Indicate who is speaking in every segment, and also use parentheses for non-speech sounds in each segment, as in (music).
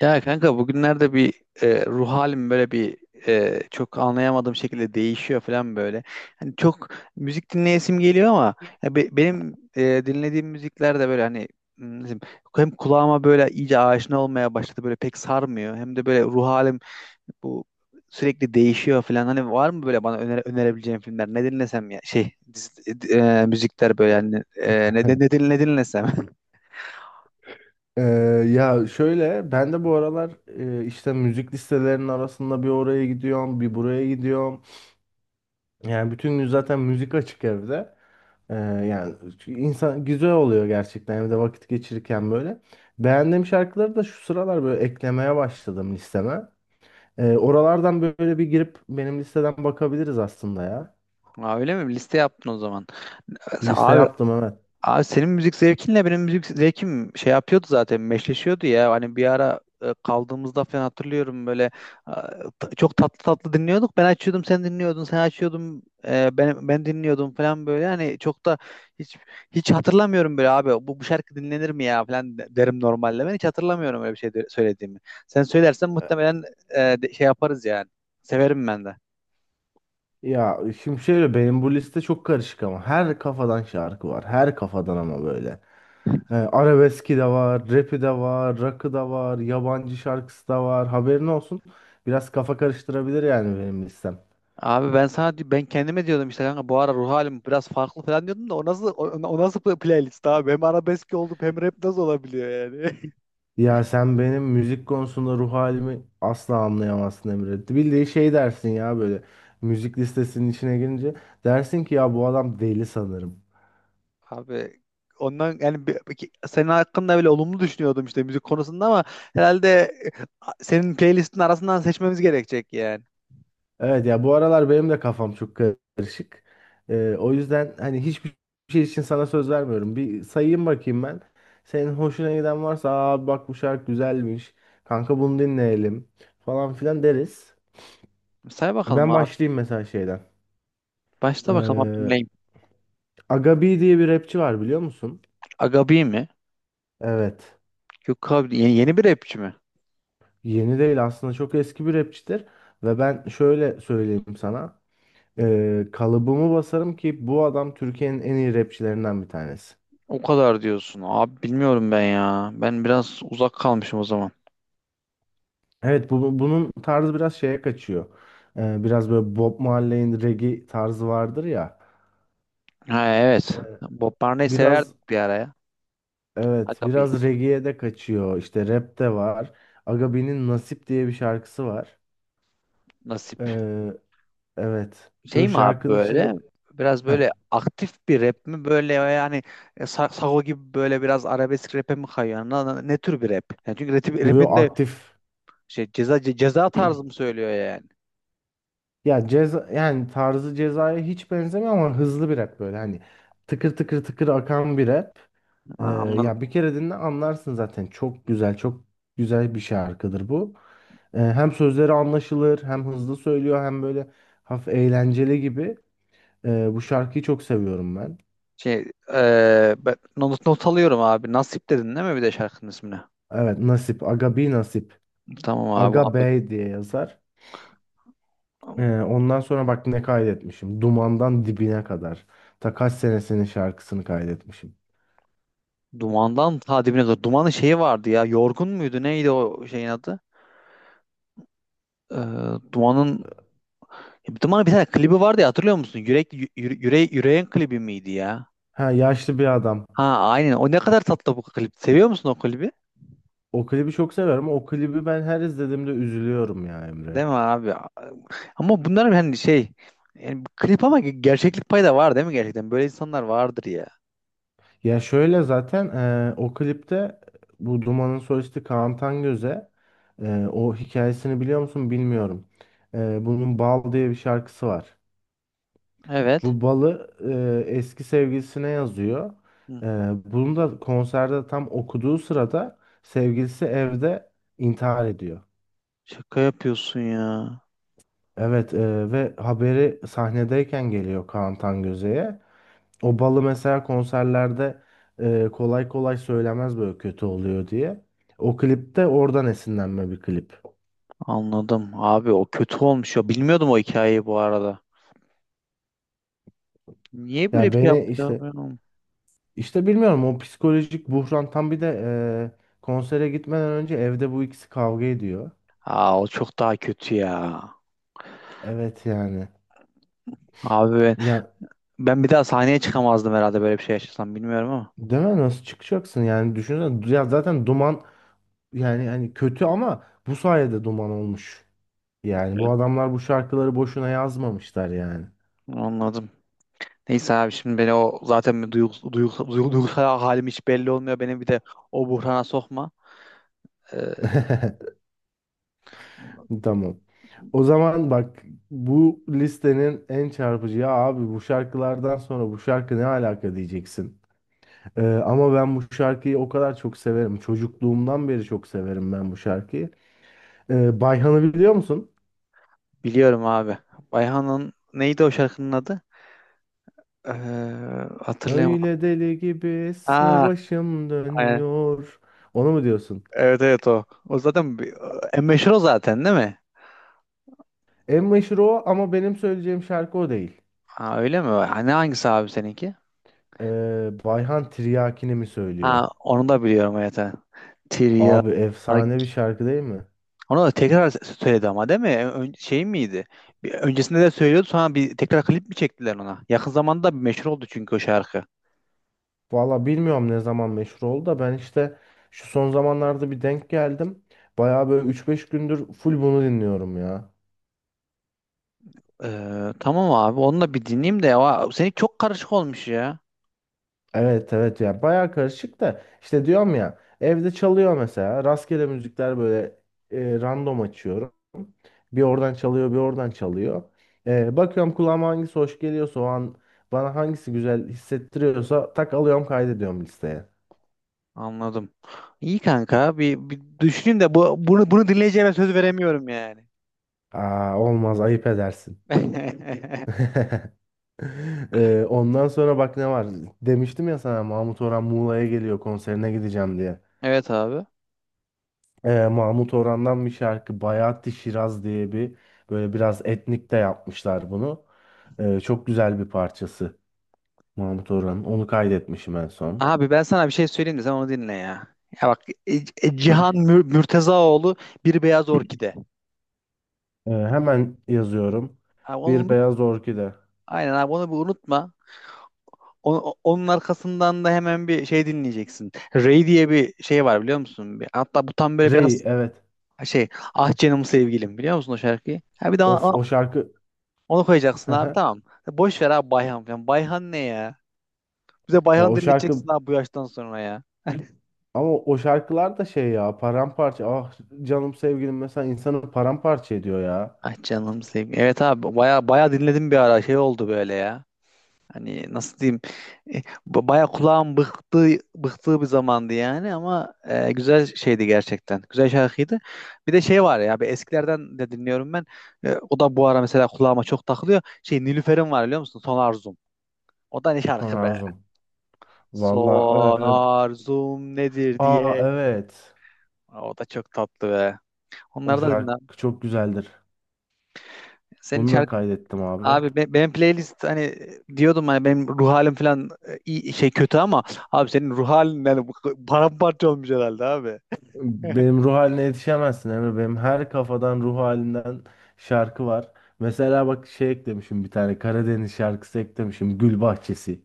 Speaker 1: Ya kanka bugünlerde bir ruh halim böyle bir çok anlayamadığım şekilde değişiyor falan böyle. Hani çok müzik dinleyesim geliyor ama ya benim dinlediğim müzikler de böyle hani nasıl diyeyim, hem kulağıma böyle iyice aşina olmaya başladı böyle pek sarmıyor. Hem de böyle ruh halim bu sürekli değişiyor falan. Hani var mı böyle bana önerebileceğin filmler? Ne dinlesem ya şey müzikler böyle yani ne dinlesem?
Speaker 2: Ee, ya şöyle ben de bu aralar işte müzik listelerinin arasında bir oraya gidiyorum bir buraya gidiyorum. Yani bütün gün zaten müzik açık evde. Yani insan güzel oluyor gerçekten evde vakit geçirirken böyle. Beğendiğim şarkıları da şu sıralar böyle eklemeye başladım listeme. Oralardan böyle bir girip benim listeden bakabiliriz aslında ya.
Speaker 1: (laughs) Aa, öyle mi? Liste yaptın o zaman.
Speaker 2: Liste
Speaker 1: Abi
Speaker 2: yaptım, evet.
Speaker 1: Abi, senin müzik zevkinle benim müzik zevkim şey yapıyordu, zaten meşleşiyordu ya. Hani bir ara kaldığımızda falan hatırlıyorum böyle e, çok tatlı tatlı dinliyorduk. Ben açıyordum, sen dinliyordun, sen açıyordum, ben dinliyordum falan böyle. Hani çok da hiç hiç hatırlamıyorum böyle abi bu, bu şarkı dinlenir mi ya falan derim normalde. Ben hiç hatırlamıyorum öyle bir şey söylediğimi. Sen söylersen muhtemelen şey yaparız yani. Severim ben de.
Speaker 2: Ya şimdi şöyle, benim bu liste çok karışık ama her kafadan şarkı var. Her kafadan ama böyle. He, arabeski de var, rapi de var, rock'ı da var, yabancı şarkısı da var. Haberin olsun. Biraz kafa karıştırabilir yani benim listem.
Speaker 1: Abi ben sana ben kendime diyordum, işte kanka bu ara ruh halim biraz farklı falan diyordum da o nasıl, o nasıl playlist abi, hem arabesk oldu hem rap nasıl olabiliyor yani?
Speaker 2: Ya sen benim müzik konusunda ruh halimi asla anlayamazsın Emre. Bildiği şey dersin ya böyle. Müzik listesinin içine girince dersin ki ya bu adam deli sanırım.
Speaker 1: (laughs) Abi ondan yani senin hakkında bile olumlu düşünüyordum işte müzik konusunda ama herhalde e, senin playlistin arasından seçmemiz gerekecek yani.
Speaker 2: Evet ya, bu aralar benim de kafam çok karışık. O yüzden hani hiçbir şey için sana söz vermiyorum. Bir sayayım bakayım ben. Senin hoşuna giden varsa aa bak bu şarkı güzelmiş. Kanka bunu dinleyelim falan filan deriz.
Speaker 1: Say bakalım
Speaker 2: Ben
Speaker 1: abi.
Speaker 2: başlayayım mesela şeyden.
Speaker 1: Başla bakalım abi,
Speaker 2: Ee,
Speaker 1: dinleyeyim.
Speaker 2: Aga B diye bir rapçi var, biliyor musun?
Speaker 1: Agabi mi?
Speaker 2: Evet.
Speaker 1: Yok abi, yeni bir rapçi mi?
Speaker 2: Yeni değil aslında, çok eski bir rapçidir. Ve ben şöyle söyleyeyim sana. Kalıbımı basarım ki bu adam Türkiye'nin en iyi rapçilerinden bir tanesi.
Speaker 1: O kadar diyorsun. Abi bilmiyorum ben ya. Ben biraz uzak kalmışım o zaman.
Speaker 2: Evet bunun tarzı biraz şeye kaçıyor. Biraz böyle Bob Marley'in reggae tarzı vardır ya.
Speaker 1: Ha evet. Bob Marley
Speaker 2: Biraz,
Speaker 1: severdik bir ara ya. Ha
Speaker 2: evet
Speaker 1: tabii.
Speaker 2: biraz reggae'ye de kaçıyor. İşte rap de var. Agabi'nin Nasip diye bir şarkısı var.
Speaker 1: Nasip.
Speaker 2: Ee, evet.
Speaker 1: Şey
Speaker 2: Böyle
Speaker 1: mi abi
Speaker 2: şarkının
Speaker 1: böyle?
Speaker 2: içinde.
Speaker 1: Biraz
Speaker 2: Heh,
Speaker 1: böyle aktif bir rap mi? Böyle yani Sago gibi böyle biraz arabesk rap'e mi kayıyor? Ne tür bir rap? Yani çünkü
Speaker 2: yo
Speaker 1: rap'in de
Speaker 2: aktif.
Speaker 1: şey, ceza tarzı mı söylüyor yani?
Speaker 2: Ya ceza yani, tarzı Ceza'ya hiç benzemiyor ama hızlı bir rap böyle hani tıkır tıkır tıkır akan bir rap.
Speaker 1: Ha,
Speaker 2: Ee, Ya bir
Speaker 1: anladım.
Speaker 2: kere dinle anlarsın zaten. Çok güzel, çok güzel bir şarkıdır bu. Hem sözleri anlaşılır, hem hızlı söylüyor, hem böyle hafif eğlenceli gibi. Bu şarkıyı çok seviyorum ben.
Speaker 1: Şey e, ben not, not alıyorum abi. Nasip dedin değil mi bir de şarkının ismini?
Speaker 2: Evet, Nasip, Aga B Nasip,
Speaker 1: Tamam
Speaker 2: Aga
Speaker 1: abi.
Speaker 2: Bey diye yazar. Ondan sonra bak ne kaydetmişim. Dumandan dibine kadar. Ta kaç senesinin şarkısını kaydetmişim.
Speaker 1: Dumandan ta dibine kadar. Dumanın şeyi vardı ya. Yorgun muydu? Neydi o şeyin adı? Ee, Duman'ın Duman'ın bir tane klibi vardı ya, hatırlıyor musun? Yüreğin klibi miydi ya?
Speaker 2: Ha, yaşlı bir adam.
Speaker 1: Ha aynen. O ne kadar tatlı bu klip. Seviyor musun o klibi?
Speaker 2: O klibi çok severim. O klibi ben her izlediğimde üzülüyorum ya Emre.
Speaker 1: Değil mi abi? Ama bunların hani şey, yani klip ama gerçeklik payı da var değil mi gerçekten? Böyle insanlar vardır ya.
Speaker 2: Ya şöyle, zaten o klipte bu Duman'ın solisti Kaan Tangöze, o hikayesini biliyor musun bilmiyorum. Bunun Bal diye bir şarkısı var.
Speaker 1: Evet.
Speaker 2: Bu balı eski sevgilisine yazıyor.
Speaker 1: Hı.
Speaker 2: Eee bunu da konserde tam okuduğu sırada sevgilisi evde intihar ediyor.
Speaker 1: Şaka yapıyorsun ya.
Speaker 2: Evet ve haberi sahnedeyken geliyor Kaan Tangöze'ye. O balı mesela konserlerde kolay kolay söylemez, böyle kötü oluyor diye. O klipte oradan esinlenme bir klip.
Speaker 1: Anladım. Abi o kötü olmuş ya. Bilmiyordum o hikayeyi bu arada. Niye böyle
Speaker 2: Yani
Speaker 1: bir şey
Speaker 2: beni
Speaker 1: yaptı ya?
Speaker 2: işte bilmiyorum, o psikolojik buhran tam, bir de konsere gitmeden önce evde bu ikisi kavga ediyor.
Speaker 1: Aa, o çok daha kötü ya.
Speaker 2: Evet yani.
Speaker 1: Abi ben,
Speaker 2: Ya
Speaker 1: ben bir daha sahneye çıkamazdım herhalde böyle bir şey yaşasam, bilmiyorum ama.
Speaker 2: deme, nasıl çıkacaksın yani, düşünsene ya, zaten duman, yani hani kötü ama bu sayede duman olmuş. Yani bu
Speaker 1: Evet.
Speaker 2: adamlar bu şarkıları boşuna yazmamışlar yani.
Speaker 1: Anladım. Neyse abi, şimdi beni o zaten bir duygusal halim hiç belli olmuyor. Beni bir de o buhrana sokma. Ee,
Speaker 2: (laughs) Tamam. O zaman bak, bu listenin en çarpıcı ya abi, bu şarkılardan sonra bu şarkı ne alaka diyeceksin. Ama ben bu şarkıyı o kadar çok severim. Çocukluğumdan beri çok severim ben bu şarkıyı. Bayhan'ı biliyor musun?
Speaker 1: biliyorum abi. Bayhan'ın neydi o şarkının adı? Ee, hatırlayamadım.
Speaker 2: Öyle deli gibi esme,
Speaker 1: Aa,
Speaker 2: başım
Speaker 1: aynen.
Speaker 2: dönüyor. Onu mu diyorsun?
Speaker 1: Evet evet, o. O zaten bir, en meşhur o zaten değil mi?
Speaker 2: En meşhur o ama benim söyleyeceğim şarkı o değil.
Speaker 1: Ha, öyle mi? Hani hangisi abi seninki?
Speaker 2: Bayhan Tiryaki'ni mi söylüyor?
Speaker 1: Ha onu da biliyorum, evet. Evet. Tiryak.
Speaker 2: Abi efsane bir şarkı değil mi?
Speaker 1: Onu da tekrar söyledi ama değil mi? Ön, şey miydi? Bir, öncesinde de söylüyordu, sonra bir tekrar klip mi çektiler ona? Yakın zamanda bir meşhur oldu çünkü o şarkı.
Speaker 2: Valla bilmiyorum ne zaman meşhur oldu da ben işte şu son zamanlarda bir denk geldim. Baya böyle üç beş gündür full bunu dinliyorum ya.
Speaker 1: Tamam abi, onu da bir dinleyeyim de. Aa, senin çok karışık olmuş ya.
Speaker 2: Evet evet ya, baya karışık da işte, diyorum ya evde çalıyor mesela rastgele müzikler böyle, random açıyorum. Bir oradan çalıyor bir oradan çalıyor. Bakıyorum kulağıma hangisi hoş geliyorsa o an, bana hangisi güzel hissettiriyorsa tak alıyorum kaydediyorum listeye.
Speaker 1: Anladım. İyi kanka, bir düşüneyim de bunu dinleyeceğime söz veremiyorum yani.
Speaker 2: Aa olmaz, ayıp edersin.
Speaker 1: (laughs)
Speaker 2: (laughs) Ondan sonra bak ne var. Demiştim ya sana, Mahmut Orhan Muğla'ya geliyor konserine gideceğim diye.
Speaker 1: Evet abi.
Speaker 2: Mahmut Orhan'dan bir şarkı, Bayat-ı Şiraz diye bir, böyle biraz etnik de yapmışlar bunu. Çok güzel bir parçası Mahmut Orhan'ın. Onu kaydetmişim en son.
Speaker 1: Abi ben sana bir şey söyleyeyim de sen onu dinle ya. Ya bak, e- Cihan Mürtezaoğlu, Bir Beyaz Orkide.
Speaker 2: Hemen yazıyorum.
Speaker 1: Abi onu
Speaker 2: Bir
Speaker 1: unut.
Speaker 2: Beyaz Orkide.
Speaker 1: Aynen abi, onu bir unutma. Onun arkasından da hemen bir şey dinleyeceksin. Ray diye bir şey var biliyor musun? Bir, hatta bu tam böyle
Speaker 2: Rey,
Speaker 1: biraz
Speaker 2: evet.
Speaker 1: şey, ah canım sevgilim, biliyor musun o şarkıyı? Ha bir de
Speaker 2: Of,
Speaker 1: ona,
Speaker 2: o şarkı.
Speaker 1: onu
Speaker 2: (laughs)
Speaker 1: koyacaksın
Speaker 2: Hı
Speaker 1: abi,
Speaker 2: hı.
Speaker 1: tamam. Boş ver abi, Bayhan falan. Bayhan ne ya? Bize
Speaker 2: Ya
Speaker 1: Bayhan
Speaker 2: o
Speaker 1: dinleteceksin
Speaker 2: şarkı,
Speaker 1: abi, bu yaştan sonra ya.
Speaker 2: ama o şarkılar da şey ya, paramparça. Ah Canım Sevgilim mesela insanı paramparça ediyor ya.
Speaker 1: Ah canım sevgilim. Evet abi, baya baya dinledim bir ara, şey oldu böyle ya. Hani nasıl diyeyim, e, baya kulağım bıktığı bir zamandı yani ama güzel şeydi gerçekten. Güzel şarkıydı. Bir de şey var ya, bir eskilerden de dinliyorum ben. E, o da bu ara mesela kulağıma çok takılıyor. Şey, Nilüfer'in var biliyor musun? Son Arzum. O da ne
Speaker 2: Son
Speaker 1: şarkı be?
Speaker 2: Arzum. Valla
Speaker 1: Son arzum. Nedir
Speaker 2: aa,
Speaker 1: diye.
Speaker 2: evet.
Speaker 1: O da çok tatlı be.
Speaker 2: O
Speaker 1: Onları da dinle.
Speaker 2: şarkı çok güzeldir.
Speaker 1: Senin
Speaker 2: Bunu da
Speaker 1: şarkı.
Speaker 2: kaydettim abi.
Speaker 1: Abi benim playlist, hani diyordum hani benim ruh halim falan iyi şey kötü ama abi senin ruh halin yani, bu paramparça olmuş herhalde abi.
Speaker 2: Benim ruh haline yetişemezsin Emre. Benim her kafadan ruh halinden şarkı var. Mesela bak şey eklemişim, bir tane Karadeniz şarkısı eklemişim. Gül Bahçesi.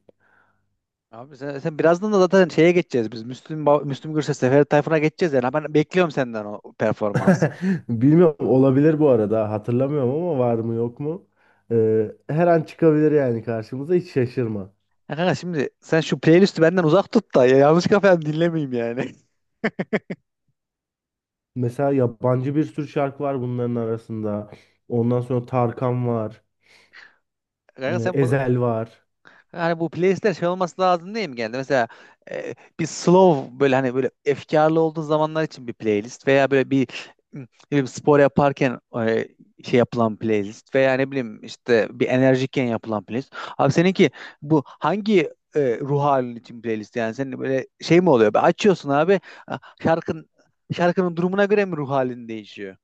Speaker 1: Abi sen birazdan da zaten şeye geçeceğiz biz. Müslüm, Müslüm Gürses, Ferdi Tayfur'a geçeceğiz yani. Ben bekliyorum senden o performansı.
Speaker 2: (laughs) Bilmiyorum, olabilir bu arada. Hatırlamıyorum ama var mı yok mu? E, her an çıkabilir yani karşımıza, hiç şaşırma.
Speaker 1: Ya kanka şimdi sen şu playlisti benden uzak tut da ya, yanlış kafayı dinlemeyeyim yani.
Speaker 2: Mesela yabancı bir sürü şarkı var bunların arasında. Ondan sonra Tarkan var.
Speaker 1: (laughs) Kanka
Speaker 2: E,
Speaker 1: sen bu.
Speaker 2: Ezel var.
Speaker 1: Yani bu playlistler şey olması lazım değil mi genelde? Mesela bir slow, böyle hani böyle efkarlı olduğu zamanlar için bir playlist, veya böyle bir ne bileyim, spor yaparken e, şey yapılan playlist, veya ne bileyim işte bir enerjikken yapılan playlist. Abi seninki bu hangi ruh halin için playlist, yani senin böyle şey mi oluyor? Açıyorsun abi, şarkın şarkının durumuna göre mi ruh halin değişiyor?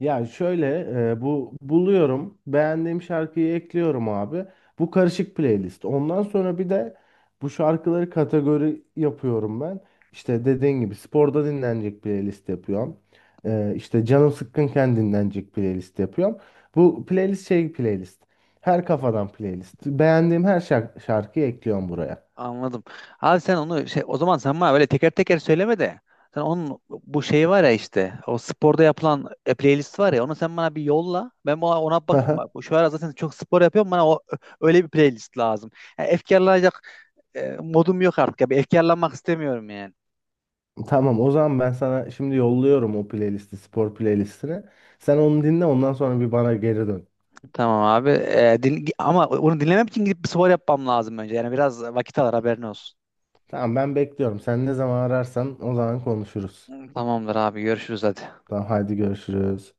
Speaker 2: Ya şöyle, bu buluyorum. Beğendiğim şarkıyı ekliyorum abi. Bu karışık playlist. Ondan sonra bir de bu şarkıları kategori yapıyorum ben. İşte dediğin gibi sporda dinlenecek playlist yapıyorum. E, işte canım sıkkınken dinlenecek playlist yapıyorum. Bu playlist şey playlist. Her kafadan playlist. Beğendiğim her şarkıyı ekliyorum buraya.
Speaker 1: Anladım. Abi sen onu şey, o zaman sen bana böyle teker teker söyleme de sen onun bu şeyi var ya, işte o sporda yapılan playlist var ya, onu sen bana bir yolla. Ben ona bakayım bak.
Speaker 2: (laughs)
Speaker 1: Şu ara zaten çok spor yapıyorum, bana o öyle bir playlist lazım. Yani efkarlanacak modum yok artık ya. Bir efkarlanmak istemiyorum yani.
Speaker 2: Tamam, o zaman ben sana şimdi yolluyorum o playlisti, spor playlistini. Sen onu dinle, ondan sonra bir bana geri dön.
Speaker 1: Tamam abi. Ama onu dinlemek için gidip bir spor yapmam lazım önce. Yani biraz vakit alır, haberin olsun.
Speaker 2: Tamam ben bekliyorum. Sen ne zaman ararsan o zaman konuşuruz.
Speaker 1: Tamamdır abi, görüşürüz hadi.
Speaker 2: Tamam hadi, görüşürüz.